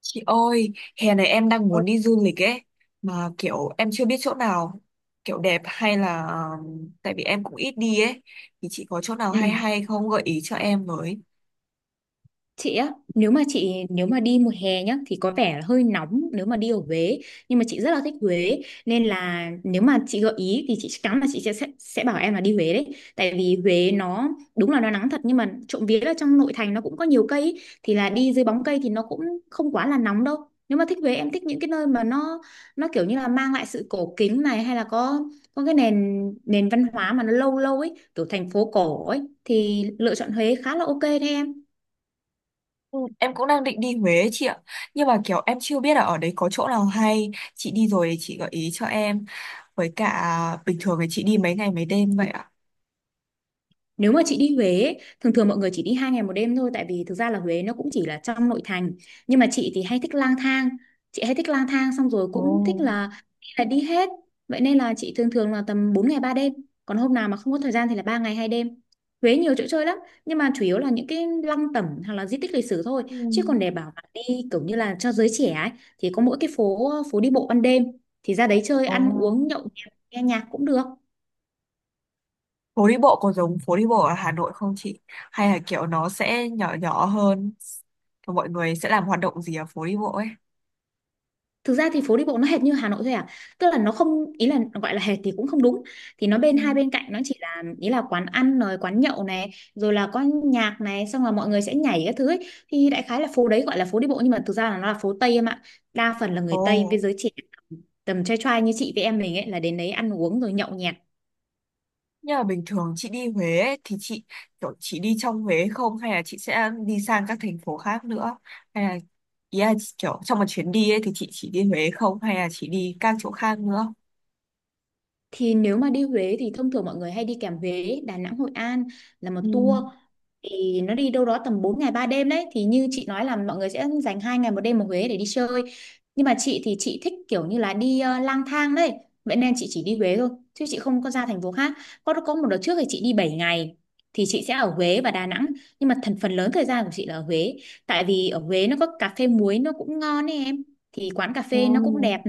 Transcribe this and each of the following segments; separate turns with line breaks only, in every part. Chị ơi, hè này em đang
Ờ,
muốn đi du lịch ấy, mà kiểu em chưa biết chỗ nào kiểu đẹp hay là tại vì em cũng ít đi ấy, thì chị có chỗ nào hay
ừ.
hay không gợi ý cho em với.
Chị á, nếu mà đi mùa hè nhá thì có vẻ là hơi nóng nếu mà đi ở Huế, nhưng mà chị rất là thích Huế nên là nếu mà chị gợi ý thì chị chắc chắn là chị sẽ bảo em là đi Huế đấy. Tại vì Huế nó đúng là nó nắng thật nhưng mà trộm vía là trong nội thành nó cũng có nhiều cây ý. Thì là đi dưới bóng cây thì nó cũng không quá là nóng đâu. Nếu mà thích Huế, em thích những cái nơi mà nó kiểu như là mang lại sự cổ kính này, hay là có cái nền nền văn hóa mà nó lâu lâu ấy, kiểu thành phố cổ ấy, thì lựa chọn Huế khá là ok đấy em.
Ừ, em cũng đang định đi Huế ấy, chị ạ, nhưng mà kiểu em chưa biết là ở đấy có chỗ nào hay, chị đi rồi thì chị gợi ý cho em, với cả bình thường thì chị đi mấy ngày mấy đêm vậy ạ.
Nếu mà chị đi Huế ấy, thường thường mọi người chỉ đi 2 ngày 1 đêm thôi, tại vì thực ra là Huế nó cũng chỉ là trong nội thành. Nhưng mà chị thì hay thích lang thang. Chị hay thích lang thang xong rồi cũng thích
Ồ,
là đi hết. Vậy nên là chị thường thường là tầm 4 ngày 3 đêm. Còn hôm nào mà không có thời gian thì là 3 ngày 2 đêm. Huế nhiều chỗ chơi lắm, nhưng mà chủ yếu là những cái lăng tẩm hoặc là di tích lịch sử thôi.
ừ.
Chứ còn để bảo là đi kiểu như là cho giới trẻ ấy thì có mỗi cái phố phố đi bộ ban đêm, thì ra đấy chơi
Ồ.
ăn uống nhậu nhẹt, nghe nhạc cũng được.
Phố đi bộ có giống phố đi bộ ở Hà Nội không chị? Hay là kiểu nó sẽ nhỏ nhỏ hơn? Và mọi người sẽ làm hoạt động gì ở phố đi bộ ấy?
Thực ra thì phố đi bộ nó hệt như Hà Nội thôi à, tức là nó không, ý là gọi là hệt thì cũng không đúng. Thì nó
Ừ.
hai bên cạnh nó chỉ là, ý là quán ăn rồi quán nhậu này, rồi là có nhạc này, xong là mọi người sẽ nhảy các thứ ấy. Thì đại khái là phố đấy gọi là phố đi bộ nhưng mà thực ra là nó là phố Tây em ạ, đa phần là người Tây với
Ồ,
giới trẻ, tầm trai trai như chị với em mình ấy, là đến đấy ăn uống rồi nhậu nhẹt.
nhưng mà bình thường chị đi Huế ấy, thì chị kiểu chị đi trong Huế không? Hay là chị sẽ đi sang các thành phố khác nữa? Hay là ý là chị kiểu trong một chuyến đi ấy thì chị chỉ đi Huế không? Hay là chị đi các chỗ khác nữa?
Thì nếu mà đi Huế thì thông thường mọi người hay đi kèm Huế, Đà Nẵng, Hội An là một
Ừ.
tour. Thì nó đi đâu đó tầm 4 ngày 3 đêm đấy. Thì như chị nói là mọi người sẽ dành 2 ngày 1 đêm ở Huế để đi chơi. Nhưng mà chị thì chị thích kiểu như là đi, lang thang đấy. Vậy nên chị chỉ đi Huế thôi. Chứ chị không có ra thành phố khác. Có một đợt trước thì chị đi 7 ngày. Thì chị sẽ ở Huế và Đà Nẵng. Nhưng mà phần lớn thời gian của chị là ở Huế. Tại vì ở Huế nó có cà phê muối nó cũng ngon ấy em. Thì quán cà phê nó cũng
Ồ.
đẹp,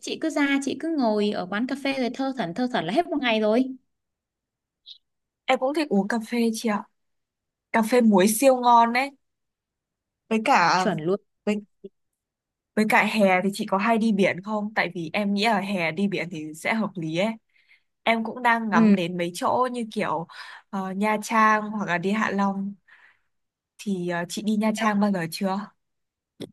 chị cứ ra chị cứ ngồi ở quán cà phê rồi thơ thẩn là hết một ngày rồi.
Em cũng thích uống cà phê chị ạ. Cà phê muối siêu ngon đấy. Với cả
Chuẩn luôn.
với Với cả hè thì chị có hay đi biển không? Tại vì em nghĩ là hè đi biển thì sẽ hợp lý ấy. Em cũng đang ngắm
Ừ.
đến mấy chỗ như kiểu Nha Trang hoặc là đi Hạ Long. Thì chị đi Nha
Nếu
Trang bao giờ chưa?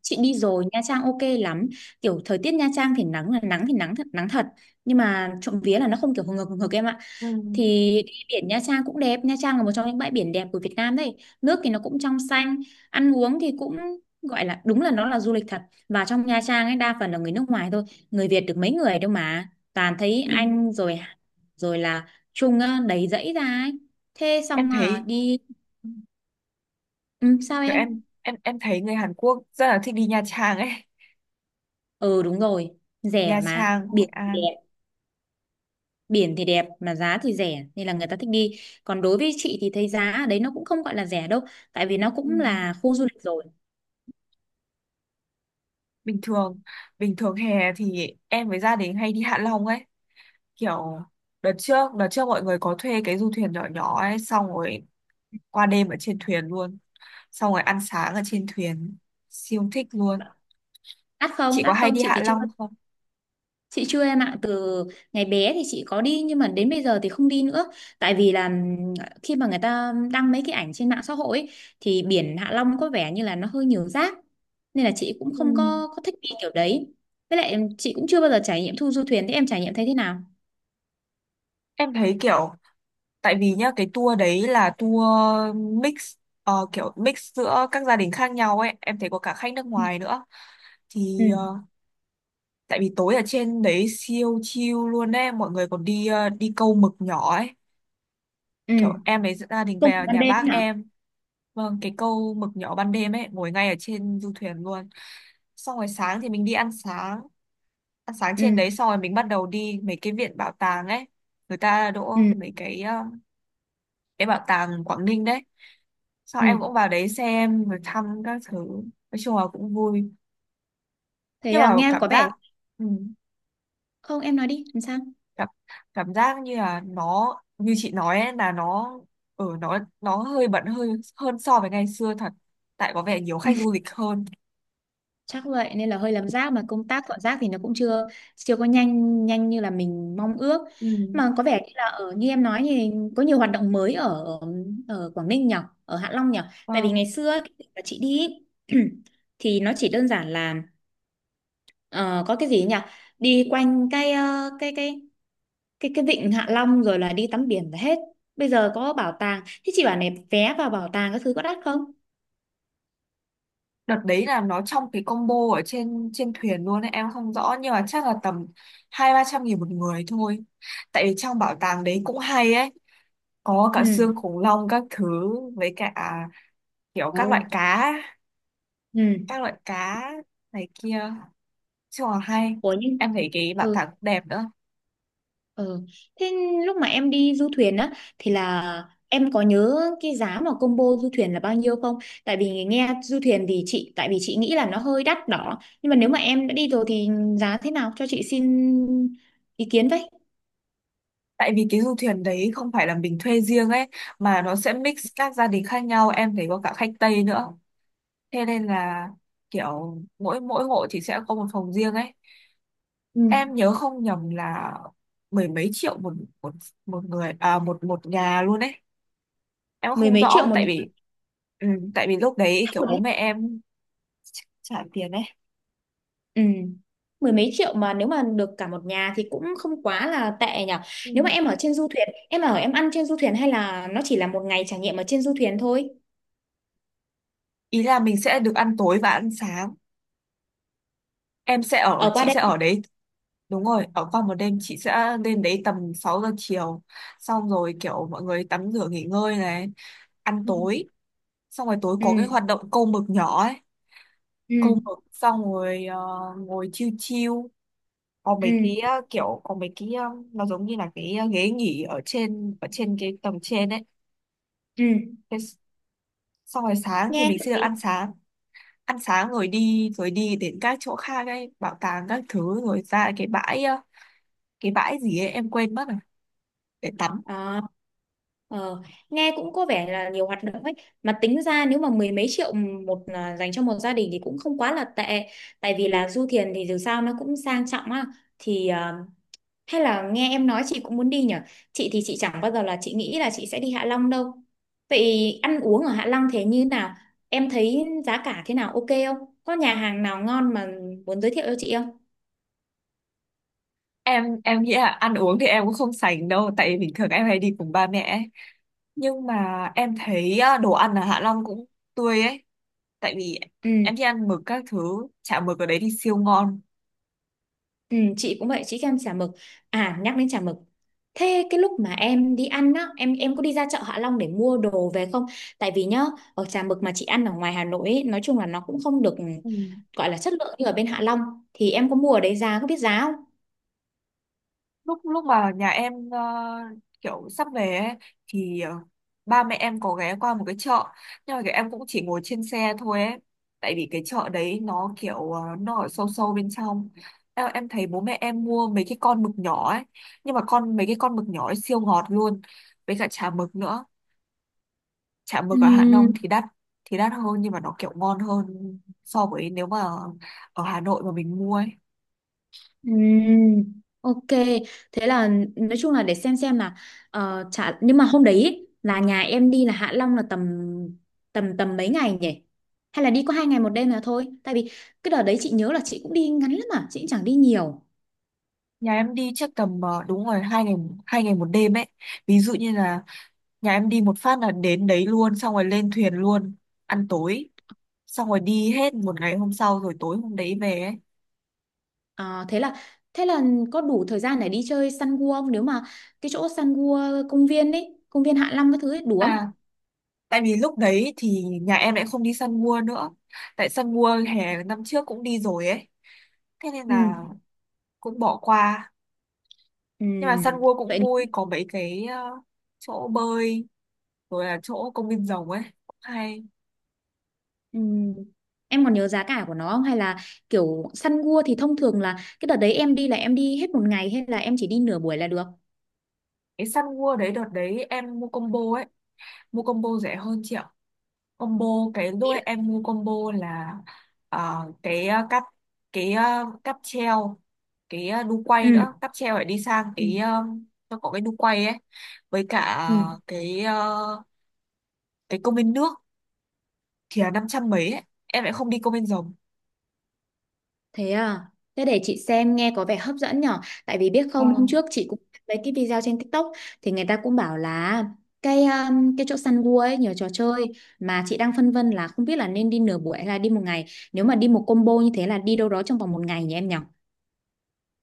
chị đi rồi, Nha Trang ok lắm, kiểu thời tiết Nha Trang thì nắng là nắng, thì nắng thật nắng thật, nhưng mà trộm vía là nó không kiểu hừng hực em ạ.
Ừ.
Thì đi biển Nha Trang cũng đẹp. Nha Trang là một trong những bãi biển đẹp của Việt Nam đấy. Nước thì nó cũng trong xanh. Ăn uống thì cũng gọi là, đúng là nó là du lịch thật. Và trong Nha Trang ấy đa phần là người nước ngoài thôi, người Việt được mấy người đâu mà toàn thấy
Ừ.
Anh rồi rồi là Trung á, đầy dãy ra ấy. Thế
Em
xong à,
thấy
đi. Ừ, sao
kiểu em
em.
em em thấy người Hàn Quốc rất là thích đi Nha Trang ấy.
Ừ, đúng rồi, rẻ
Nha
mà
Trang, Hội
biển thì
An.
đẹp. Biển thì đẹp mà giá thì rẻ nên là người ta thích đi, còn đối với chị thì thấy giá ở đấy nó cũng không gọi là rẻ đâu, tại vì nó cũng
Ừ.
là khu du lịch rồi.
bình thường bình thường hè thì em với gia đình hay đi Hạ Long ấy, kiểu đợt trước mọi người có thuê cái du thuyền nhỏ nhỏ ấy, xong rồi qua đêm ở trên thuyền luôn, xong rồi ăn sáng ở trên thuyền, siêu thích luôn.
Đắt không,
Chị có
đắt
hay
không,
đi
chị
Hạ
thì chưa.
Long không?
Chị chưa em ạ, từ ngày bé thì chị có đi nhưng mà đến bây giờ thì không đi nữa. Tại vì là, khi mà người ta đăng mấy cái ảnh trên mạng xã hội ấy, thì biển Hạ Long có vẻ như là nó hơi nhiều rác, nên là chị cũng
Ừ.
không có thích đi kiểu đấy. Với lại chị cũng chưa bao giờ trải nghiệm thu du thuyền, thế em trải nghiệm thấy thế nào?
Em thấy kiểu tại vì nhá cái tour đấy là tour mix, kiểu mix giữa các gia đình khác nhau ấy, em thấy có cả khách nước
Ừ.
ngoài nữa.
Ừ.
Thì tại vì tối ở trên đấy siêu chill luôn ấy, mọi người còn đi đi câu mực nhỏ ấy,
Ừ.
kiểu em ấy dẫn gia đình
Công việc
về
ban
nhà
đêm ấy
bác
hả?
em. Vâng, cái câu mực nhỏ ban đêm ấy ngồi ngay ở trên du thuyền luôn, xong rồi sáng thì mình đi ăn sáng, ăn sáng trên
Ừ.
đấy xong rồi mình bắt đầu đi mấy cái viện bảo tàng ấy, người ta đỗ
Ừ.
mấy cái cái bảo tàng Quảng Ninh đấy, xong
Ừ.
em cũng vào đấy xem rồi thăm các thứ. Nói chung là cũng vui,
Thế
nhưng
à,
mà
nghe có
cảm giác,
vẻ.
ừ,
Không, em nói đi làm sao.
cảm cảm giác như là nó như chị nói ấy, là nó ở nó hơi bận hơi hơn so với ngày xưa thật, tại có vẻ nhiều khách du lịch hơn.
Chắc vậy nên là hơi lấm rác, mà công tác dọn rác thì nó cũng chưa chưa có nhanh nhanh như là mình mong ước.
Ừ.
Mà có vẻ như là ở, như em nói, thì có nhiều hoạt động mới ở ở Quảng Ninh nhỉ, ở Hạ Long nhỉ. Tại vì
Vâng.
ngày xưa cái dịp mà chị đi ý, thì nó chỉ đơn giản là, ờ, có cái gì ấy nhỉ, đi quanh cái ờ, cái vịnh Hạ Long rồi là đi tắm biển là hết. Bây giờ có bảo tàng, thế chị bảo này, vé vào bảo tàng các thứ có đắt không?
Đợt đấy là nó trong cái combo ở trên trên thuyền luôn ấy, em không rõ nhưng mà chắc là tầm hai ba trăm nghìn một người thôi. Tại vì trong bảo tàng đấy cũng hay ấy, có cả
Ừ.
xương khủng long các thứ, với cả kiểu các loại
Đâu.
cá,
Ừ.
các loại cá, này kia, chung là hay.
Ủa nhưng.
Em thấy cái bảo
Ừ.
tàng cũng đẹp nữa.
Ừ. Thế lúc mà em đi du thuyền á, thì là em có nhớ cái giá mà combo du thuyền là bao nhiêu không? Tại vì nghe du thuyền thì chị, tại vì chị nghĩ là nó hơi đắt đỏ. Nhưng mà nếu mà em đã đi rồi thì giá thế nào, cho chị xin ý kiến với.
Tại vì cái du thuyền đấy không phải là mình thuê riêng ấy, mà nó sẽ mix các gia đình khác nhau, em thấy có cả khách Tây nữa, thế nên là kiểu mỗi mỗi hộ thì sẽ có một phòng riêng ấy.
Ừ.
Em nhớ không nhầm là mười mấy triệu một một một người, à một một nhà luôn ấy. Em
Mười
không
mấy triệu
rõ
một
tại
nhà?
vì, ừ, tại vì lúc đấy
Đắt
kiểu
rồi
bố
đấy.
mẹ em trả tiền ấy.
Ừ. Mười mấy triệu mà nếu mà được cả một nhà thì cũng không quá là tệ nhỉ.
Ừ.
Nếu mà em ở trên du thuyền, em ở, em ăn trên du thuyền hay là nó chỉ là một ngày trải nghiệm ở trên du thuyền thôi?
Ý là mình sẽ được ăn tối và ăn sáng, em sẽ ở,
Ở qua
chị
đây.
sẽ ở đấy. Đúng rồi, ở qua một đêm, chị sẽ lên đấy tầm 6 giờ chiều. Xong rồi kiểu mọi người tắm rửa nghỉ ngơi này, ăn
Ừ.
tối, xong rồi tối có
Ừ.
cái hoạt động câu mực nhỏ ấy.
Ừ.
Câu mực xong rồi ngồi chiêu chiêu. Có
Ừ.
mấy cái kiểu có mấy cái nó giống như là cái ghế nghỉ ở trên cái tầng trên ấy.
Ừ.
Thế s- Xong rồi sáng thì
Nghe
mình
hợp
sẽ được
lý.
ăn sáng, ăn sáng rồi đi đến các chỗ khác ấy, bảo tàng các thứ, rồi ra cái bãi cái bãi gì ấy em quên mất rồi, để tắm.
À, ờ, nghe cũng có vẻ là nhiều hoạt động ấy, mà tính ra nếu mà mười mấy triệu một, à, dành cho một gia đình thì cũng không quá là tệ, tại vì là du thuyền thì dù sao nó cũng sang trọng á. Thì à, hay là nghe em nói chị cũng muốn đi nhở. Chị thì chị chẳng bao giờ là chị nghĩ là chị sẽ đi Hạ Long đâu. Vậy ăn uống ở Hạ Long thế như nào, em thấy giá cả thế nào, ok không, có nhà hàng nào ngon mà muốn giới thiệu cho chị không?
Em nghĩ là ăn uống thì em cũng không sành đâu, tại vì bình thường em hay đi cùng ba mẹ ấy. Nhưng mà em thấy đồ ăn ở Hạ Long cũng tươi ấy, tại vì
Ừ.
em đi ăn mực các thứ, chả mực ở đấy thì siêu ngon.
Ừ, chị cũng vậy, chị thích ăn chả mực. À, nhắc đến chả mực, thế cái lúc mà em đi ăn á, em có đi ra chợ Hạ Long để mua đồ về không? Tại vì nhá, ở chả mực mà chị ăn ở ngoài Hà Nội ấy, nói chung là nó cũng không được
Ừ.
gọi là chất lượng như ở bên Hạ Long. Thì em có mua ở đấy giá, có biết giá
lúc lúc mà nhà em kiểu sắp về ấy, thì ba mẹ em có ghé qua một cái chợ, nhưng mà cái em cũng chỉ ngồi trên xe thôi ấy, tại vì cái chợ đấy nó kiểu nó ở sâu sâu bên trong. Em thấy bố mẹ em mua mấy cái con mực nhỏ ấy, nhưng mà mấy cái con mực nhỏ ấy siêu ngọt luôn, với cả chả mực nữa. Chả mực ở Hạ Long
không?
thì đắt, đắt hơn nhưng mà nó kiểu ngon hơn so với nếu mà ở Hà Nội mà mình mua ấy.
Ừm, ok, thế là nói chung là để xem là, chả, nhưng mà hôm đấy ý, là nhà em đi là Hạ Long là tầm tầm tầm mấy ngày nhỉ? Hay là đi có 2 ngày 1 đêm là thôi? Tại vì cái đợt đấy chị nhớ là chị cũng đi ngắn lắm mà chị cũng chẳng đi nhiều.
Nhà em đi chắc tầm đúng rồi, 2 ngày, 2 ngày 1 đêm ấy. Ví dụ như là nhà em đi một phát là đến đấy luôn, xong rồi lên thuyền luôn, ăn tối, xong rồi đi hết một ngày hôm sau rồi tối hôm đấy về ấy.
Ờ, thế là, thế là có đủ thời gian để đi chơi săn cua không, nếu mà cái chỗ săn cua công viên ấy, công viên Hạ Long cái thứ ấy đủ không?
À, tại vì lúc đấy thì nhà em lại không đi săn mua nữa, tại săn mua hè năm trước cũng đi rồi ấy, thế nên
Ừ.
là cũng bỏ qua. Nhưng mà săn
Ừm,
mua cũng
vậy.
vui, có mấy cái chỗ bơi, rồi là chỗ công viên rồng ấy cũng hay.
Ừ. Em còn nhớ giá cả của nó không? Hay là kiểu săn gua thì thông thường là cái đợt đấy em đi là em đi hết một ngày hay là em chỉ đi nửa buổi là được?
Cái săn mua đấy đợt đấy em mua combo ấy, mua combo rẻ hơn chị ạ. Combo, cái lúc ấy em mua combo là ờ, cái ờ, cáp cái cáp treo, cái đu quay
Ừ.
nữa, cáp treo phải đi sang
Ừ.
cái nó có cái đu quay ấy, với cả
Ừ.
cái công viên nước, thì là năm trăm mấy ấy. Em lại không đi công viên rồng.
Thế à? Thế để chị xem, nghe có vẻ hấp dẫn nhở. Tại vì biết không, hôm
Vâng.
trước chị cũng thấy cái video trên TikTok, thì người ta cũng bảo là cái chỗ săn gua ấy nhiều trò chơi, mà chị đang phân vân là không biết là nên đi nửa buổi hay là đi một ngày. Nếu mà đi một combo như thế là đi đâu đó trong vòng một ngày nhỉ em nhở?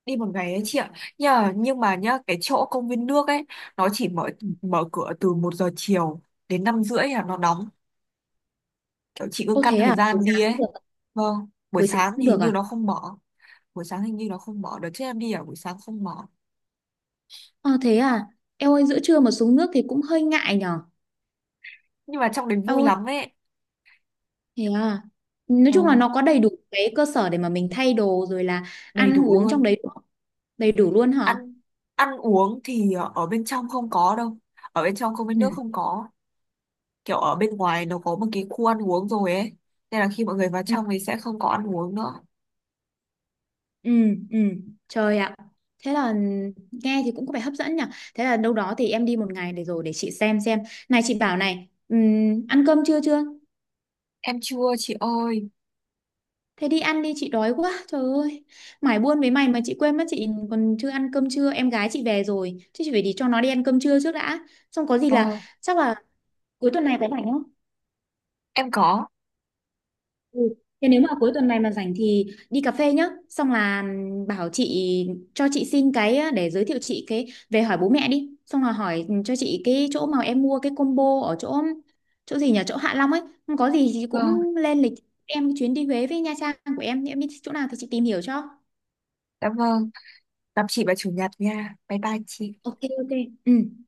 Đi một ngày ấy chị ạ, nhờ nhưng mà nhá cái chỗ công viên nước ấy nó chỉ mở,
Ừ.
mở cửa từ 1 giờ chiều đến 5 rưỡi là nó đóng, kiểu chị cứ
Ô
căn
thế
thời
à? Buổi
gian đi
sáng
ấy.
cũng được.
Vâng, buổi
Buổi sáng
sáng
cũng
thì hình
được
như
à?
nó không mở. Buổi sáng hình như nó không mở, đợt trước em đi ở buổi sáng không mở.
Ờ thế à, eo ơi giữa trưa mà xuống nước thì cũng hơi ngại nhở.
Nhưng mà trong đấy vui
Eo ơi,
lắm ấy.
thế à. Nói chung là
Vâng,
nó có đầy đủ cái cơ sở để mà mình thay đồ rồi là
đầy
ăn
đủ
uống trong
luôn.
đấy, đầy đủ luôn hả?
Ăn ăn uống thì ở bên trong không có đâu, ở bên trong không, bên
Ừ,
nước không có, kiểu ở bên ngoài nó có một cái khu ăn uống rồi ấy, nên là khi mọi người vào
ừ,
trong thì sẽ không có ăn uống nữa.
ừ, ừ. Trời ạ. Thế là nghe thì cũng có vẻ hấp dẫn nhở. Thế là đâu đó thì em đi một ngày, để rồi để chị xem xem. Này chị bảo này, ăn cơm trưa chưa?
Em chưa chị ơi.
Thế đi ăn đi, chị đói quá trời ơi. Mải buôn với mày mà chị quên mất chị còn chưa ăn cơm trưa. Em gái chị về rồi, chứ chị phải đi cho nó đi ăn cơm trưa trước đã. Xong có gì là,
Vâng.
chắc là cuối tuần này có rảnh không?
Em có.
Ừ. Thế nếu mà cuối tuần này mà rảnh thì đi cà phê nhá. Xong là, bảo chị cho chị xin cái á, để giới thiệu chị cái, về hỏi bố mẹ đi. Xong là hỏi cho chị cái chỗ mà em mua cái combo ở chỗ, chỗ gì nhỉ, chỗ Hạ Long ấy. Không có gì thì
Vâng,
cũng lên lịch em chuyến đi Huế với Nha Trang của em. Em biết chỗ nào thì chị tìm hiểu cho.
cảm ơn. Gặp chị vào chủ nhật nha, bye bye chị.
Ok, ok. Ừ.